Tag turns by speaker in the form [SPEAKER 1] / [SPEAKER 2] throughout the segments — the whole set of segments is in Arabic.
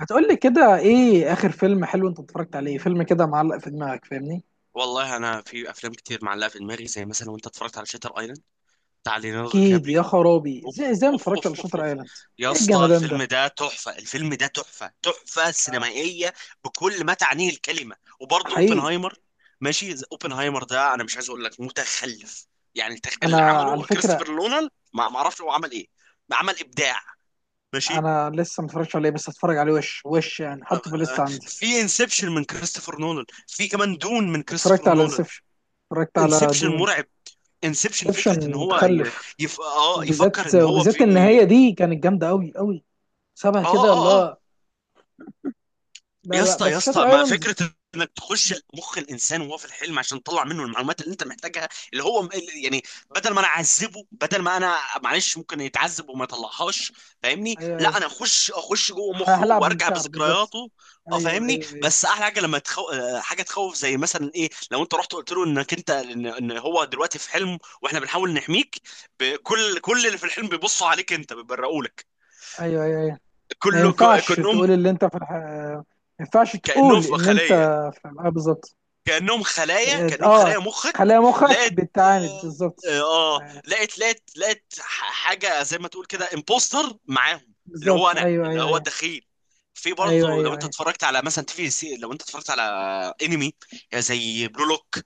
[SPEAKER 1] هتقول لي كده ايه اخر فيلم حلو انت اتفرجت عليه؟ فيلم كده معلق في دماغك فاهمني.
[SPEAKER 2] والله انا في افلام كتير معلقه في دماغي، زي مثلا، وانت اتفرجت على شاتر ايلاند بتاع ليوناردو دي
[SPEAKER 1] اكيد
[SPEAKER 2] كابريو؟
[SPEAKER 1] يا خرابي، ازاي
[SPEAKER 2] اوف
[SPEAKER 1] ازاي ما
[SPEAKER 2] اوف
[SPEAKER 1] اتفرجتش على
[SPEAKER 2] اوف اوف
[SPEAKER 1] شاتر
[SPEAKER 2] اوف
[SPEAKER 1] ايلاند!
[SPEAKER 2] يا
[SPEAKER 1] ايه
[SPEAKER 2] اسطى
[SPEAKER 1] الجمدان
[SPEAKER 2] الفيلم
[SPEAKER 1] ده؟
[SPEAKER 2] ده تحفه، الفيلم ده تحفه سينمائيه بكل ما تعنيه الكلمه. وبرضه
[SPEAKER 1] حقيقي.
[SPEAKER 2] اوبنهايمر. ماشي، اوبنهايمر ده انا مش عايز اقول لك متخلف، يعني اللي
[SPEAKER 1] انا
[SPEAKER 2] عمله
[SPEAKER 1] على فكره
[SPEAKER 2] كريستوفر نولان، ما اعرفش هو عمل ايه، عمل ابداع. ماشي.
[SPEAKER 1] انا لسه ما اتفرجتش عليه، بس اتفرج عليه وش وش يعني، حطه في
[SPEAKER 2] آه،
[SPEAKER 1] الليسته عندي.
[SPEAKER 2] في انسبشن من كريستوفر نولان، في كمان دون من
[SPEAKER 1] اتفرجت
[SPEAKER 2] كريستوفر
[SPEAKER 1] على
[SPEAKER 2] نولان.
[SPEAKER 1] انسبشن، اتفرجت على
[SPEAKER 2] انسبشن
[SPEAKER 1] دوم.
[SPEAKER 2] مرعب. انسبشن فكره ان
[SPEAKER 1] انسبشن
[SPEAKER 2] هو ي...
[SPEAKER 1] متخلف،
[SPEAKER 2] يف... اه
[SPEAKER 1] وبالذات
[SPEAKER 2] يفكر ان هو
[SPEAKER 1] وبالذات
[SPEAKER 2] في.
[SPEAKER 1] النهايه دي كانت جامده قوي قوي، شبه
[SPEAKER 2] اه
[SPEAKER 1] كده اللي
[SPEAKER 2] اه اه
[SPEAKER 1] هو. لا
[SPEAKER 2] يا
[SPEAKER 1] لا،
[SPEAKER 2] اسطى،
[SPEAKER 1] بس
[SPEAKER 2] يا اسطى،
[SPEAKER 1] شاتر
[SPEAKER 2] مع
[SPEAKER 1] ايلاند.
[SPEAKER 2] فكره انك تخش مخ الانسان وهو في الحلم عشان تطلع منه المعلومات اللي انت محتاجها، اللي هو يعني بدل ما انا اعذبه، بدل ما انا معلش ممكن يتعذب وما يطلعهاش، فاهمني؟
[SPEAKER 1] ايوه
[SPEAKER 2] لا،
[SPEAKER 1] ايوه،
[SPEAKER 2] انا اخش جوه مخه
[SPEAKER 1] هلعب
[SPEAKER 2] وارجع
[SPEAKER 1] بمشاعره بالظبط.
[SPEAKER 2] بذكرياته. اه،
[SPEAKER 1] ايوه
[SPEAKER 2] فاهمني؟
[SPEAKER 1] ايوه ايوه.
[SPEAKER 2] بس احلى حاجه لما تخو... آه، حاجه تخوف، زي مثلا ايه لو انت رحت قلت له انك انت إن هو دلوقتي في حلم واحنا بنحاول نحميك. كل اللي في الحلم بيبصوا عليك انت، بيبرقوا لك
[SPEAKER 1] ايوه ايوه أيوة. ما
[SPEAKER 2] كله،
[SPEAKER 1] ينفعش تقول
[SPEAKER 2] كانهم،
[SPEAKER 1] اللي انت في الح... ما ينفعش
[SPEAKER 2] كانهم
[SPEAKER 1] تقول
[SPEAKER 2] في
[SPEAKER 1] ان انت
[SPEAKER 2] خليه.
[SPEAKER 1] في الحلقة بالظبط.
[SPEAKER 2] كأنهم خلايا، كأنهم
[SPEAKER 1] اه،
[SPEAKER 2] خلايا مخك.
[SPEAKER 1] خلايا مخك
[SPEAKER 2] لقت،
[SPEAKER 1] بتعاند بالظبط.
[SPEAKER 2] اه،
[SPEAKER 1] آه،
[SPEAKER 2] لقت حاجة زي ما تقول كده امبوستر معاهم، اللي هو
[SPEAKER 1] بالظبط
[SPEAKER 2] انا،
[SPEAKER 1] ايوه
[SPEAKER 2] اللي
[SPEAKER 1] ايوه
[SPEAKER 2] هو
[SPEAKER 1] ايوه.
[SPEAKER 2] الدخيل. في
[SPEAKER 1] ايوه
[SPEAKER 2] برضه لو
[SPEAKER 1] ايوه
[SPEAKER 2] انت
[SPEAKER 1] ايوه.
[SPEAKER 2] اتفرجت على مثلا تي في سي، لو انت اتفرجت على انمي، زي بلو لوك،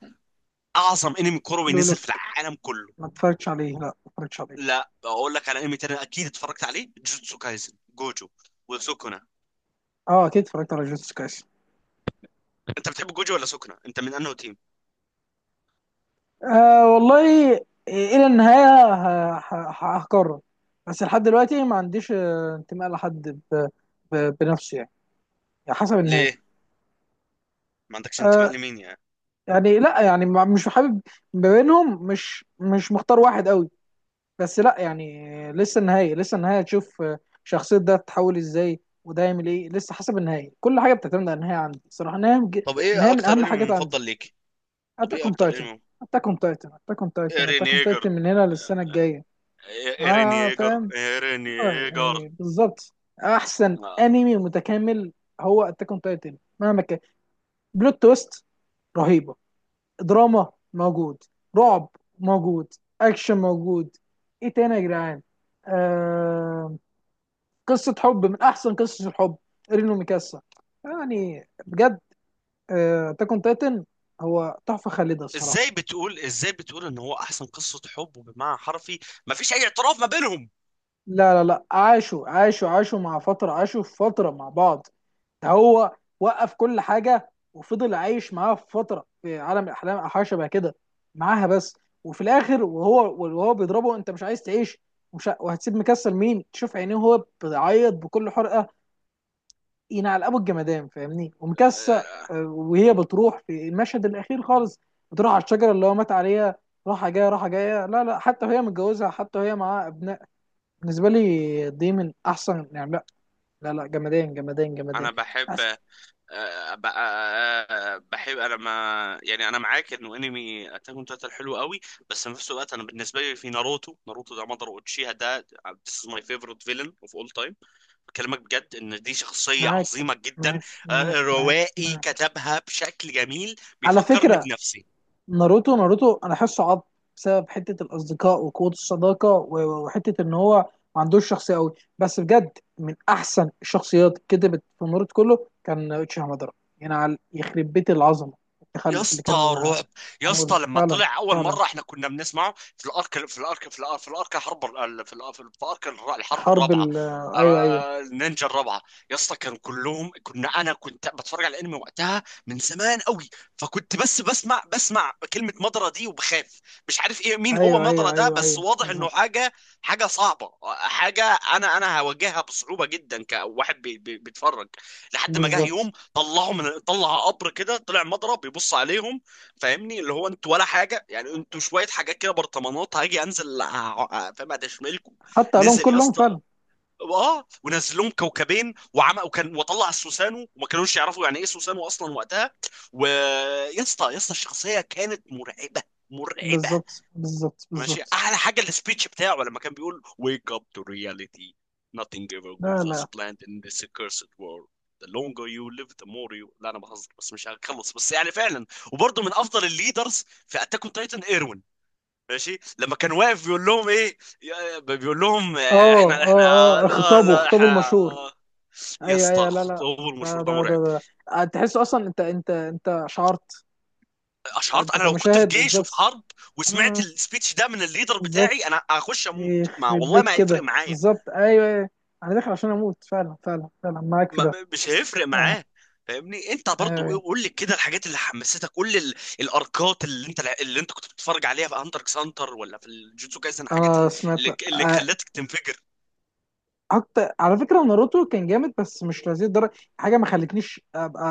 [SPEAKER 2] اعظم انمي كروي نزل
[SPEAKER 1] لولو،
[SPEAKER 2] في العالم كله.
[SPEAKER 1] ما اتفرجتش عليه، لا ما اتفرجتش عليه.
[SPEAKER 2] لا، اقول لك على انمي تاني اكيد اتفرجت عليه، جوجوتسو كايزن، جوجو وسوكونا.
[SPEAKER 1] اه اكيد اتفرجت على جوتس كايس.
[SPEAKER 2] انت بتحب جوجو ولا سوكونا؟ انت من انه تيم؟
[SPEAKER 1] آه والله. إيه، الى النهايه هقرر. بس لحد دلوقتي ما عنديش انتماء لحد بنفسه يعني. يعني حسب النهايه.
[SPEAKER 2] ليه ما عندكش انتماء
[SPEAKER 1] آه،
[SPEAKER 2] لمين يعني؟
[SPEAKER 1] يعني لا يعني مش حابب ما بينهم، مش مختار واحد قوي. بس لا يعني، لسه النهاية، لسه النهاية تشوف شخصية ده تتحول ازاي وده يعمل ايه. لسه حسب النهاية، كل حاجة بتعتمد على النهاية عندي صراحة.
[SPEAKER 2] طب ايه
[SPEAKER 1] النهاية من
[SPEAKER 2] اكتر
[SPEAKER 1] أهم
[SPEAKER 2] انمي
[SPEAKER 1] حاجات
[SPEAKER 2] مفضل
[SPEAKER 1] عندي.
[SPEAKER 2] ليك؟ طب
[SPEAKER 1] أتاك
[SPEAKER 2] ايه
[SPEAKER 1] أون
[SPEAKER 2] اكتر
[SPEAKER 1] تايتن.
[SPEAKER 2] انمي؟ ايرين
[SPEAKER 1] أتاك أون
[SPEAKER 2] ييجر،
[SPEAKER 1] تايتن من هنا للسنة الجاية.
[SPEAKER 2] ايرين
[SPEAKER 1] اه
[SPEAKER 2] ييجر
[SPEAKER 1] فاهم.
[SPEAKER 2] ايرين
[SPEAKER 1] اه
[SPEAKER 2] ييجر
[SPEAKER 1] يعني بالظبط. أحسن
[SPEAKER 2] آه.
[SPEAKER 1] أنمي متكامل هو أتاك أون تايتن مهما كان. بلوت تويست رهيبة، دراما موجود، رعب موجود، اكشن موجود. ايه تاني يا جدعان؟ آه... قصة حب من احسن قصص الحب، رينو ميكاسا. يعني بجد اتاك اون تايتن هو تحفة خالدة الصراحة.
[SPEAKER 2] ازاي بتقول، ازاي بتقول ان هو احسن قصة حب؟ وبمعنى حرفي ما فيش اي اعتراف ما بينهم.
[SPEAKER 1] لا لا لا، عاشوا عاشوا مع فترة، عاشوا في فترة مع بعض. هو وقف كل حاجه وفضل عايش معاها في فتره، في عالم الاحلام او حاجه شبه كده، معاها بس. وفي الاخر وهو بيضربه، انت مش عايز تعيش؟ وهتسيب مكسل مين تشوف عينيه وهو بيعيط بكل حرقه، ينعل ابو الجمدان فاهمني، ومكسل
[SPEAKER 2] آه،
[SPEAKER 1] وهي بتروح في المشهد الاخير خالص. بتروح على الشجره اللي هو مات عليها، راحه جايه راحه جايه، لا لا، حتى وهي متجوزه، حتى وهي معاها ابناء. بالنسبه لي دي من احسن، يعني لا لا لا، جمدان جمدان جمدان.
[SPEAKER 2] انا بحب، آه، ب- آه، بحب، انا ما يعني انا معاك انه انمي اتاك اون تايتن حلو قوي، بس في نفس الوقت انا بالنسبه لي في ناروتو، ناروتو ده مضر اوتشيها ده، آه، this is my favorite villain of all time. بكلمك بجد ان دي شخصية
[SPEAKER 1] معاك
[SPEAKER 2] عظيمة جدا.
[SPEAKER 1] معاك
[SPEAKER 2] آه،
[SPEAKER 1] معاك
[SPEAKER 2] روائي
[SPEAKER 1] معاك.
[SPEAKER 2] كتبها بشكل جميل.
[SPEAKER 1] على
[SPEAKER 2] بيفكرني
[SPEAKER 1] فكرة
[SPEAKER 2] بنفسي.
[SPEAKER 1] ناروتو، ناروتو أنا حاسه عض بسبب حتة الأصدقاء وقوة الصداقة، وحتة إن هو ما عندوش شخصية أوي، بس بجد من أحسن الشخصيات كتبت في ناروتو كله كان اوتشي هامادارا. يعني على يخرب بيت العظمة،
[SPEAKER 2] يا
[SPEAKER 1] التخلف اللي
[SPEAKER 2] اسطى
[SPEAKER 1] كان
[SPEAKER 2] رعب. يا
[SPEAKER 1] معمول
[SPEAKER 2] اسطى لما
[SPEAKER 1] فعلا،
[SPEAKER 2] طلع اول
[SPEAKER 1] فعلا.
[SPEAKER 2] مره احنا كنا بنسمعه في الارك، حرب في الارك في الارك الحرب
[SPEAKER 1] حرب ال،
[SPEAKER 2] الرابعه،
[SPEAKER 1] أيوه أيوه.
[SPEAKER 2] آه، النينجا الرابعه. يا اسطى كانوا كلهم، انا كنت بتفرج على الانمي وقتها من زمان قوي، فكنت بس بسمع كلمه مضرة دي وبخاف، مش عارف ايه، مين هو
[SPEAKER 1] أيوه
[SPEAKER 2] مضرة
[SPEAKER 1] أيوه
[SPEAKER 2] ده؟
[SPEAKER 1] أيوه
[SPEAKER 2] بس
[SPEAKER 1] أيوه
[SPEAKER 2] واضح انه
[SPEAKER 1] بالظبط.
[SPEAKER 2] حاجه، حاجه صعبه، حاجه انا هواجهها بصعوبه جدا كواحد بيتفرج، لحد ما جه
[SPEAKER 1] بالظبط
[SPEAKER 2] يوم طلعه، من طلع قبر كده، طلع مضرب بيبص عليهم، فاهمني؟ اللي هو انتوا ولا حاجه يعني، انتوا شويه حاجات كده برطمانات، هاجي انزل فاهم ادشملكم.
[SPEAKER 1] حتى قالهم
[SPEAKER 2] نزل يا
[SPEAKER 1] كلهم
[SPEAKER 2] اسطى،
[SPEAKER 1] فعلا.
[SPEAKER 2] اه، ونزل لهم كوكبين وعمى، وكان وطلع السوسانو وما كانوش يعرفوا يعني ايه سوسانو اصلا وقتها. ويا اسطى، يا اسطى، الشخصيه كانت مرعبه، مرعبه.
[SPEAKER 1] بالظبط بالظبط
[SPEAKER 2] ماشي،
[SPEAKER 1] بالظبط.
[SPEAKER 2] احلى حاجه السبيتش بتاعه لما كان بيقول: "wake up to reality, nothing ever
[SPEAKER 1] لا
[SPEAKER 2] goes as
[SPEAKER 1] لا.
[SPEAKER 2] planned in this cursed world, the longer you live the more you"، لا انا بهزر بس مش هخلص، بس يعني فعلا. وبرضه من افضل الليدرز في اتاك اون تايتن ايروين. ماشي، لما كان واقف بيقول لهم ايه، بيقول لهم، آه،
[SPEAKER 1] اه
[SPEAKER 2] احنا، احنا،
[SPEAKER 1] اه اه،
[SPEAKER 2] لا
[SPEAKER 1] خطابه،
[SPEAKER 2] لا،
[SPEAKER 1] خطابه
[SPEAKER 2] احنا.
[SPEAKER 1] المشهور.
[SPEAKER 2] يا
[SPEAKER 1] ايوه
[SPEAKER 2] اسطى
[SPEAKER 1] ايوه، لا لا.
[SPEAKER 2] خطوه
[SPEAKER 1] ده
[SPEAKER 2] المشهور ده
[SPEAKER 1] ده ده,
[SPEAKER 2] مرعب.
[SPEAKER 1] ده. تحس اصلا انت، انت شعرت. انت,
[SPEAKER 2] اشعرت
[SPEAKER 1] انت
[SPEAKER 2] انا لو كنت في
[SPEAKER 1] كمشاهد
[SPEAKER 2] جيش وفي
[SPEAKER 1] بالظبط.
[SPEAKER 2] حرب وسمعت
[SPEAKER 1] اه
[SPEAKER 2] السبيتش ده من الليدر بتاعي
[SPEAKER 1] بالظبط.
[SPEAKER 2] انا هخش اموت، ما
[SPEAKER 1] يخرب
[SPEAKER 2] والله
[SPEAKER 1] بيك
[SPEAKER 2] ما هيفرق
[SPEAKER 1] كده
[SPEAKER 2] معايا،
[SPEAKER 1] بالظبط، ايوه ايوه. انا داخل عشان اموت فعلا، فعلا فعلا معاك في ده.
[SPEAKER 2] مش هيفرق
[SPEAKER 1] اه،
[SPEAKER 2] معاه، فاهمني؟ انت
[SPEAKER 1] ايوه
[SPEAKER 2] برضو ايه،
[SPEAKER 1] ايوه.
[SPEAKER 2] قول لي كده الحاجات اللي حمستك، قول لي الاركات اللي انت، اللي انت كنت بتتفرج عليها في هانتر اكس هانتر ولا في الجوتسو كايسن، الحاجات
[SPEAKER 1] انا
[SPEAKER 2] اللي،
[SPEAKER 1] سمعت
[SPEAKER 2] اللي
[SPEAKER 1] آه.
[SPEAKER 2] خلتك تنفجر.
[SPEAKER 1] اكتر على فكره ناروتو كان جامد بس مش لهذه الدرجه، حاجه ما خلتنيش ابقى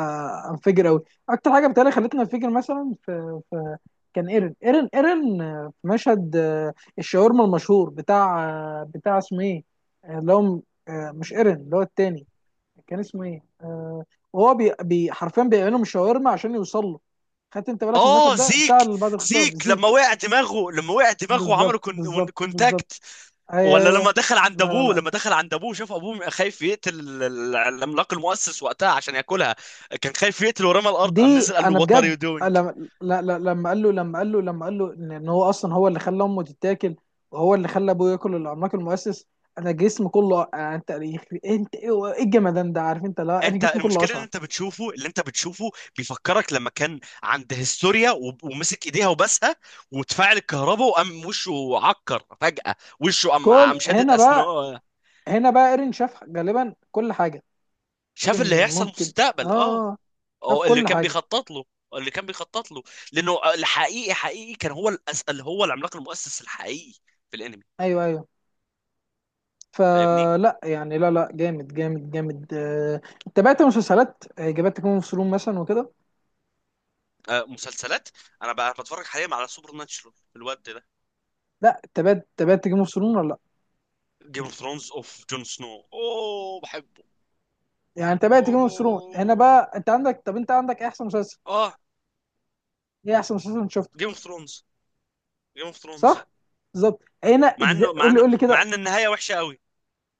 [SPEAKER 1] انفجر قوي. اكتر حاجه بتهيألي خلتني انفجر مثلا في، كان ايرن ايرن في مشهد، الشاورما المشهور بتاع، بتاع اسمه ايه، اللي هو، مش ايرن، اللي هو التاني كان اسمه ايه؟ وهو حرفيا بيعملهم الشاورما عشان يوصل له. خدت انت بالك من
[SPEAKER 2] اه،
[SPEAKER 1] المشهد ده بتاع
[SPEAKER 2] زيك،
[SPEAKER 1] اللي بعد الخطاب
[SPEAKER 2] زيك لما
[SPEAKER 1] زيك؟
[SPEAKER 2] وقع دماغه، لما وقع دماغه وعملوا
[SPEAKER 1] بالظبط
[SPEAKER 2] كون،
[SPEAKER 1] بالظبط بالظبط،
[SPEAKER 2] كونتاكت. ولا
[SPEAKER 1] آه،
[SPEAKER 2] لما دخل عند
[SPEAKER 1] لا لا
[SPEAKER 2] ابوه،
[SPEAKER 1] لا،
[SPEAKER 2] لما دخل عند ابوه شاف ابوه خايف يقتل العملاق المؤسس وقتها عشان ياكلها، كان خايف يقتل، ورمى الارض، قام
[SPEAKER 1] دي
[SPEAKER 2] نزل قال له:
[SPEAKER 1] انا
[SPEAKER 2] وات ار يو
[SPEAKER 1] بجد.
[SPEAKER 2] دوينج.
[SPEAKER 1] لما لا- لا- لما قال له لما قال له ان إن هو اصلا هو اللي خلى امه تتاكل، وهو اللي خلى ابوه ياكل العملاق المؤسس. انا جسمي كله انت انت ايه إيه الجمدان ده عارف انت، لا انا
[SPEAKER 2] انت
[SPEAKER 1] جسمي كله
[SPEAKER 2] المشكله ان
[SPEAKER 1] اشعر.
[SPEAKER 2] انت بتشوفه، اللي انت بتشوفه بيفكرك لما كان عند هيستوريا، ومسك ايديها وبسها، وتفاعل الكهرباء وقام وشه عكر فجاه، وشه قام
[SPEAKER 1] كل
[SPEAKER 2] شدد
[SPEAKER 1] هنا بقى،
[SPEAKER 2] اسنانه.
[SPEAKER 1] هنا بقى ايرين شاف غالبا كل حاجه.
[SPEAKER 2] شاف اللي
[SPEAKER 1] ممكن
[SPEAKER 2] هيحصل
[SPEAKER 1] ممكن،
[SPEAKER 2] مستقبل، اه،
[SPEAKER 1] اه، شاف
[SPEAKER 2] او اللي
[SPEAKER 1] كل
[SPEAKER 2] كان
[SPEAKER 1] حاجه.
[SPEAKER 2] بيخطط له، اللي كان بيخطط له، لانه الحقيقي، حقيقي كان هو اللي هو العملاق المؤسس الحقيقي في الانمي.
[SPEAKER 1] ايوه ايوه.
[SPEAKER 2] فاهمني؟
[SPEAKER 1] فلا يعني لا لا، جامد جامد جامد. تابعت مسلسلات جابت تكون في مثلا وكده؟
[SPEAKER 2] آه، مسلسلات. انا بقى بتفرج حاليا على سوبر ناتشورال الواد ده.
[SPEAKER 1] لا تابعت، تابعت جيم اوف ثرونز ولا لا؟
[SPEAKER 2] جيم اوف ثرونز، اوف، جون سنو، اوه، بحبه.
[SPEAKER 1] يعني انت بقى جيم اوف ثرونز هنا
[SPEAKER 2] اوه.
[SPEAKER 1] بقى، انت عندك، طب انت عندك إيه احسن مسلسل؟
[SPEAKER 2] اه.
[SPEAKER 1] ايه احسن مسلسل انت شفته؟
[SPEAKER 2] جيم اوف ثرونز، جيم اوف ثرونز.
[SPEAKER 1] صح، بالظبط.
[SPEAKER 2] مع انه، مع
[SPEAKER 1] قول لي،
[SPEAKER 2] انه،
[SPEAKER 1] قول لي
[SPEAKER 2] مع
[SPEAKER 1] كده.
[SPEAKER 2] ان النهايه وحشه قوي.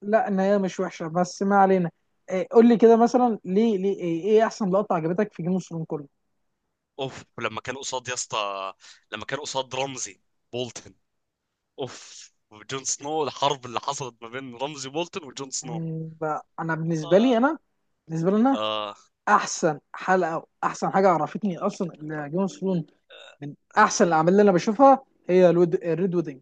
[SPEAKER 1] لا النهايه مش وحشه، بس ما علينا. إيه، قول لي كده مثلا، ليه ليه ايه, إيه احسن لقطه عجبتك في جيم اوف ثرونز كله؟
[SPEAKER 2] اوف، لما كان قصاد يا اسطى، لما كان قصاد رمزي بولتن، اوف، وجون سنو، الحرب اللي حصلت ما بين رمزي بولتن وجون سنو.
[SPEAKER 1] يعني بقى انا بالنسبه
[SPEAKER 2] اه
[SPEAKER 1] لي انا، بالنسبه لي انا،
[SPEAKER 2] اه,
[SPEAKER 1] احسن حلقه واحسن حاجه عرفتني اصلا جيم اوف ثرونز من احسن الاعمال اللي انا بشوفها، هي الريد ويدنج.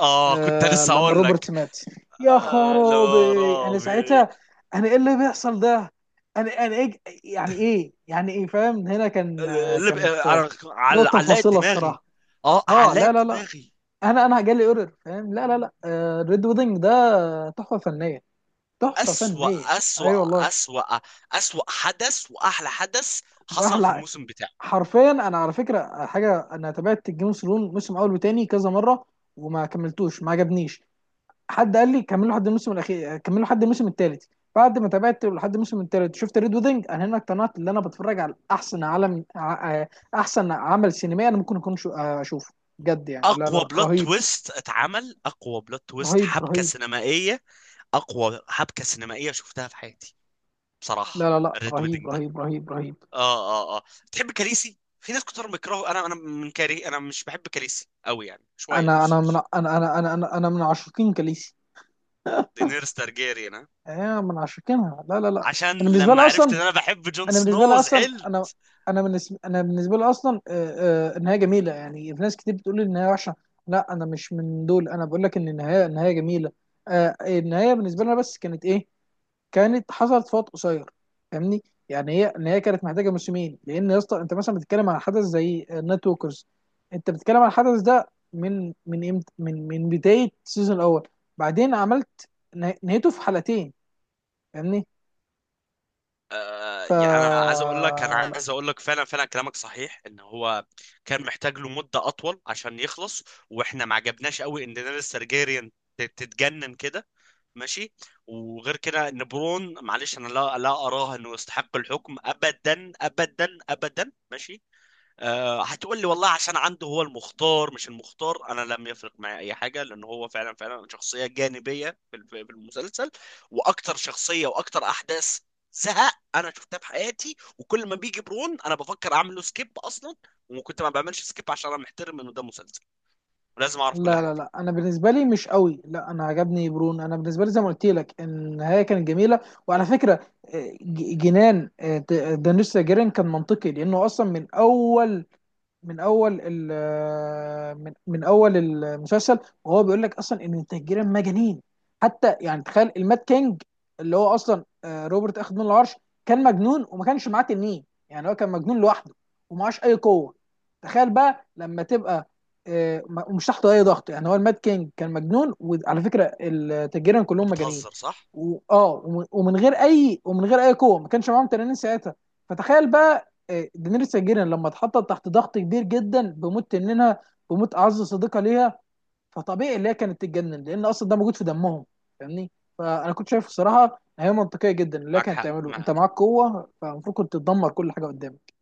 [SPEAKER 2] آه كنت
[SPEAKER 1] آه
[SPEAKER 2] لسه
[SPEAKER 1] لما
[SPEAKER 2] اقول
[SPEAKER 1] روبرت
[SPEAKER 2] لك.
[SPEAKER 1] مات، يا
[SPEAKER 2] آه، لا،
[SPEAKER 1] خرابي انا
[SPEAKER 2] رابي.
[SPEAKER 1] ساعتها، انا ايه اللي بيحصل ده، انا إيه يعني، ايه يعني، ايه فاهم، هنا كان،
[SPEAKER 2] اللي ب- آه،
[SPEAKER 1] كانت نقطة
[SPEAKER 2] علقت
[SPEAKER 1] فاصلة
[SPEAKER 2] دماغي.
[SPEAKER 1] الصراحة.
[SPEAKER 2] اه،
[SPEAKER 1] اه لا لا
[SPEAKER 2] علقت
[SPEAKER 1] لا،
[SPEAKER 2] دماغي.
[SPEAKER 1] انا جالي اورر فاهم، لا لا لا، آه ريد ويدنج ده تحفة فنية، تحفة
[SPEAKER 2] أسوأ،
[SPEAKER 1] فنية اي. أيوة
[SPEAKER 2] أسوأ،
[SPEAKER 1] والله.
[SPEAKER 2] أسوأ، أسوأ حدث وأحلى حدث حصل في
[SPEAKER 1] واحلى.
[SPEAKER 2] الموسم.
[SPEAKER 1] حرفيا انا على فكره حاجه، انا تابعت جيم اوف ثرونز موسم اول وتاني كذا مره وما كملتوش، ما عجبنيش. حد قال لي كملوا لحد الموسم الاخير، كملوا لحد الموسم الثالث. بعد ما تابعت لحد الموسم الثالث شفت ريد ويدنج، انا هنا اقتنعت ان انا بتفرج على احسن احسن عمل سينمائي انا ممكن اكون اشوفه بجد. يعني لا لا
[SPEAKER 2] اقوى
[SPEAKER 1] لا،
[SPEAKER 2] بلوت
[SPEAKER 1] رهيب
[SPEAKER 2] تويست اتعمل، اقوى بلوت تويست
[SPEAKER 1] رهيب
[SPEAKER 2] حبكه
[SPEAKER 1] رهيب.
[SPEAKER 2] سينمائيه، اقوى حبكه سينمائيه شفتها في حياتي
[SPEAKER 1] لا
[SPEAKER 2] بصراحه،
[SPEAKER 1] لا لا،
[SPEAKER 2] الريد
[SPEAKER 1] رهيب
[SPEAKER 2] ويدنج ده.
[SPEAKER 1] رهيب رهيب رهيب.
[SPEAKER 2] اه. تحب كاليسي؟ في ناس كتير بيكرهوا، انا من كاري، انا مش بحب كاليسي قوي، يعني شويه
[SPEAKER 1] انا
[SPEAKER 2] نص
[SPEAKER 1] انا من
[SPEAKER 2] نص.
[SPEAKER 1] انا أنا من عشاقين كاليسي.
[SPEAKER 2] دينيرس تارجيريان، ها؟
[SPEAKER 1] انا من عشاقينها، لا لا لا.
[SPEAKER 2] عشان
[SPEAKER 1] انا بالنسبه
[SPEAKER 2] لما
[SPEAKER 1] لي
[SPEAKER 2] عرفت
[SPEAKER 1] اصلا
[SPEAKER 2] ان انا بحب جون
[SPEAKER 1] انا بالنسبه
[SPEAKER 2] سنو
[SPEAKER 1] لي اصلا انا
[SPEAKER 2] زعلت.
[SPEAKER 1] انا بالنسبه لي اصلا، النهايه جميله. يعني في ناس كتير بتقول لي النهايه وحشه، لا انا مش من دول، انا بقول لك ان النهايه جميله. النهايه بالنسبه لنا بس كانت ايه؟ كانت حصلت في وقت قصير، فاهمني. يعني هي النهايه كانت محتاجه موسمين، لان يا اسطى انت مثلا بتتكلم عن حدث زي النايت ووكرز، انت بتتكلم عن الحدث ده من امتى، من بدايه السيزون الاول، بعدين عملت نهايته في حلقتين، فاهمني.
[SPEAKER 2] آه،
[SPEAKER 1] ف
[SPEAKER 2] يعني انا عايز اقول لك، انا عايز اقول لك فعلا، فعلا كلامك صحيح ان هو كان محتاج له مدة أطول عشان يخلص، وإحنا ما عجبناش قوي إن دينيريس تارجيريان تتجنن كده، ماشي. وغير كده ان برون، معلش انا، لا لا، اراه انه يستحق الحكم ابدا، ابدا، ابدا، ماشي. أه، هتقول لي والله عشان عنده هو المختار، مش المختار، انا لم يفرق معي اي حاجه، لان هو فعلا، فعلا شخصيه جانبيه في في المسلسل، واكتر شخصيه واكتر احداث زهق انا شفتها في حياتي، وكل ما بيجي برون انا بفكر اعمل له سكيب اصلا، وكنت ما بعملش سكيب عشان انا محترم انه ده مسلسل ولازم اعرف كل
[SPEAKER 1] لا
[SPEAKER 2] حاجه
[SPEAKER 1] لا
[SPEAKER 2] فيه.
[SPEAKER 1] لا، انا بالنسبه لي مش قوي، لا انا عجبني برون. انا بالنسبه لي زي ما قلت لك النهايه كانت جميله. وعلى فكره، جنان دانيس جيرين كان منطقي، لانه اصلا من اول، من اول من اول المسلسل وهو بيقول لك اصلا ان التهجيرة مجانين. حتى يعني تخيل المات كينج اللي هو اصلا، روبرت اخذ منه العرش، كان مجنون وما كانش معاه تنين. يعني هو كان مجنون لوحده ومعاش اي قوه. تخيل بقى لما تبقى، ومش تحت اي ضغط. يعني هو المات كينج كان مجنون، وعلى فكره التهجيرة كلهم مجانين.
[SPEAKER 2] بتهزر؟ صح.
[SPEAKER 1] اه ومن غير اي ومن غير اي قوه، ما كانش معاهم تنانين ساعتها. فتخيل بقى دينيريس تارجيريان لما اتحطت تحت ضغط كبير جدا بموت تنينها، بموت اعز صديقه ليها، فطبيعي اللي هي كانت تتجنن، لان اصلا ده موجود في دمهم، فاهمني. فانا كنت شايف الصراحه إن هي منطقيه جدا، اللي هي
[SPEAKER 2] معك
[SPEAKER 1] كانت
[SPEAKER 2] حق،
[SPEAKER 1] تعمله انت معاك
[SPEAKER 2] معك.
[SPEAKER 1] قوه فالمفروض كنت تدمر كل حاجه قدامك.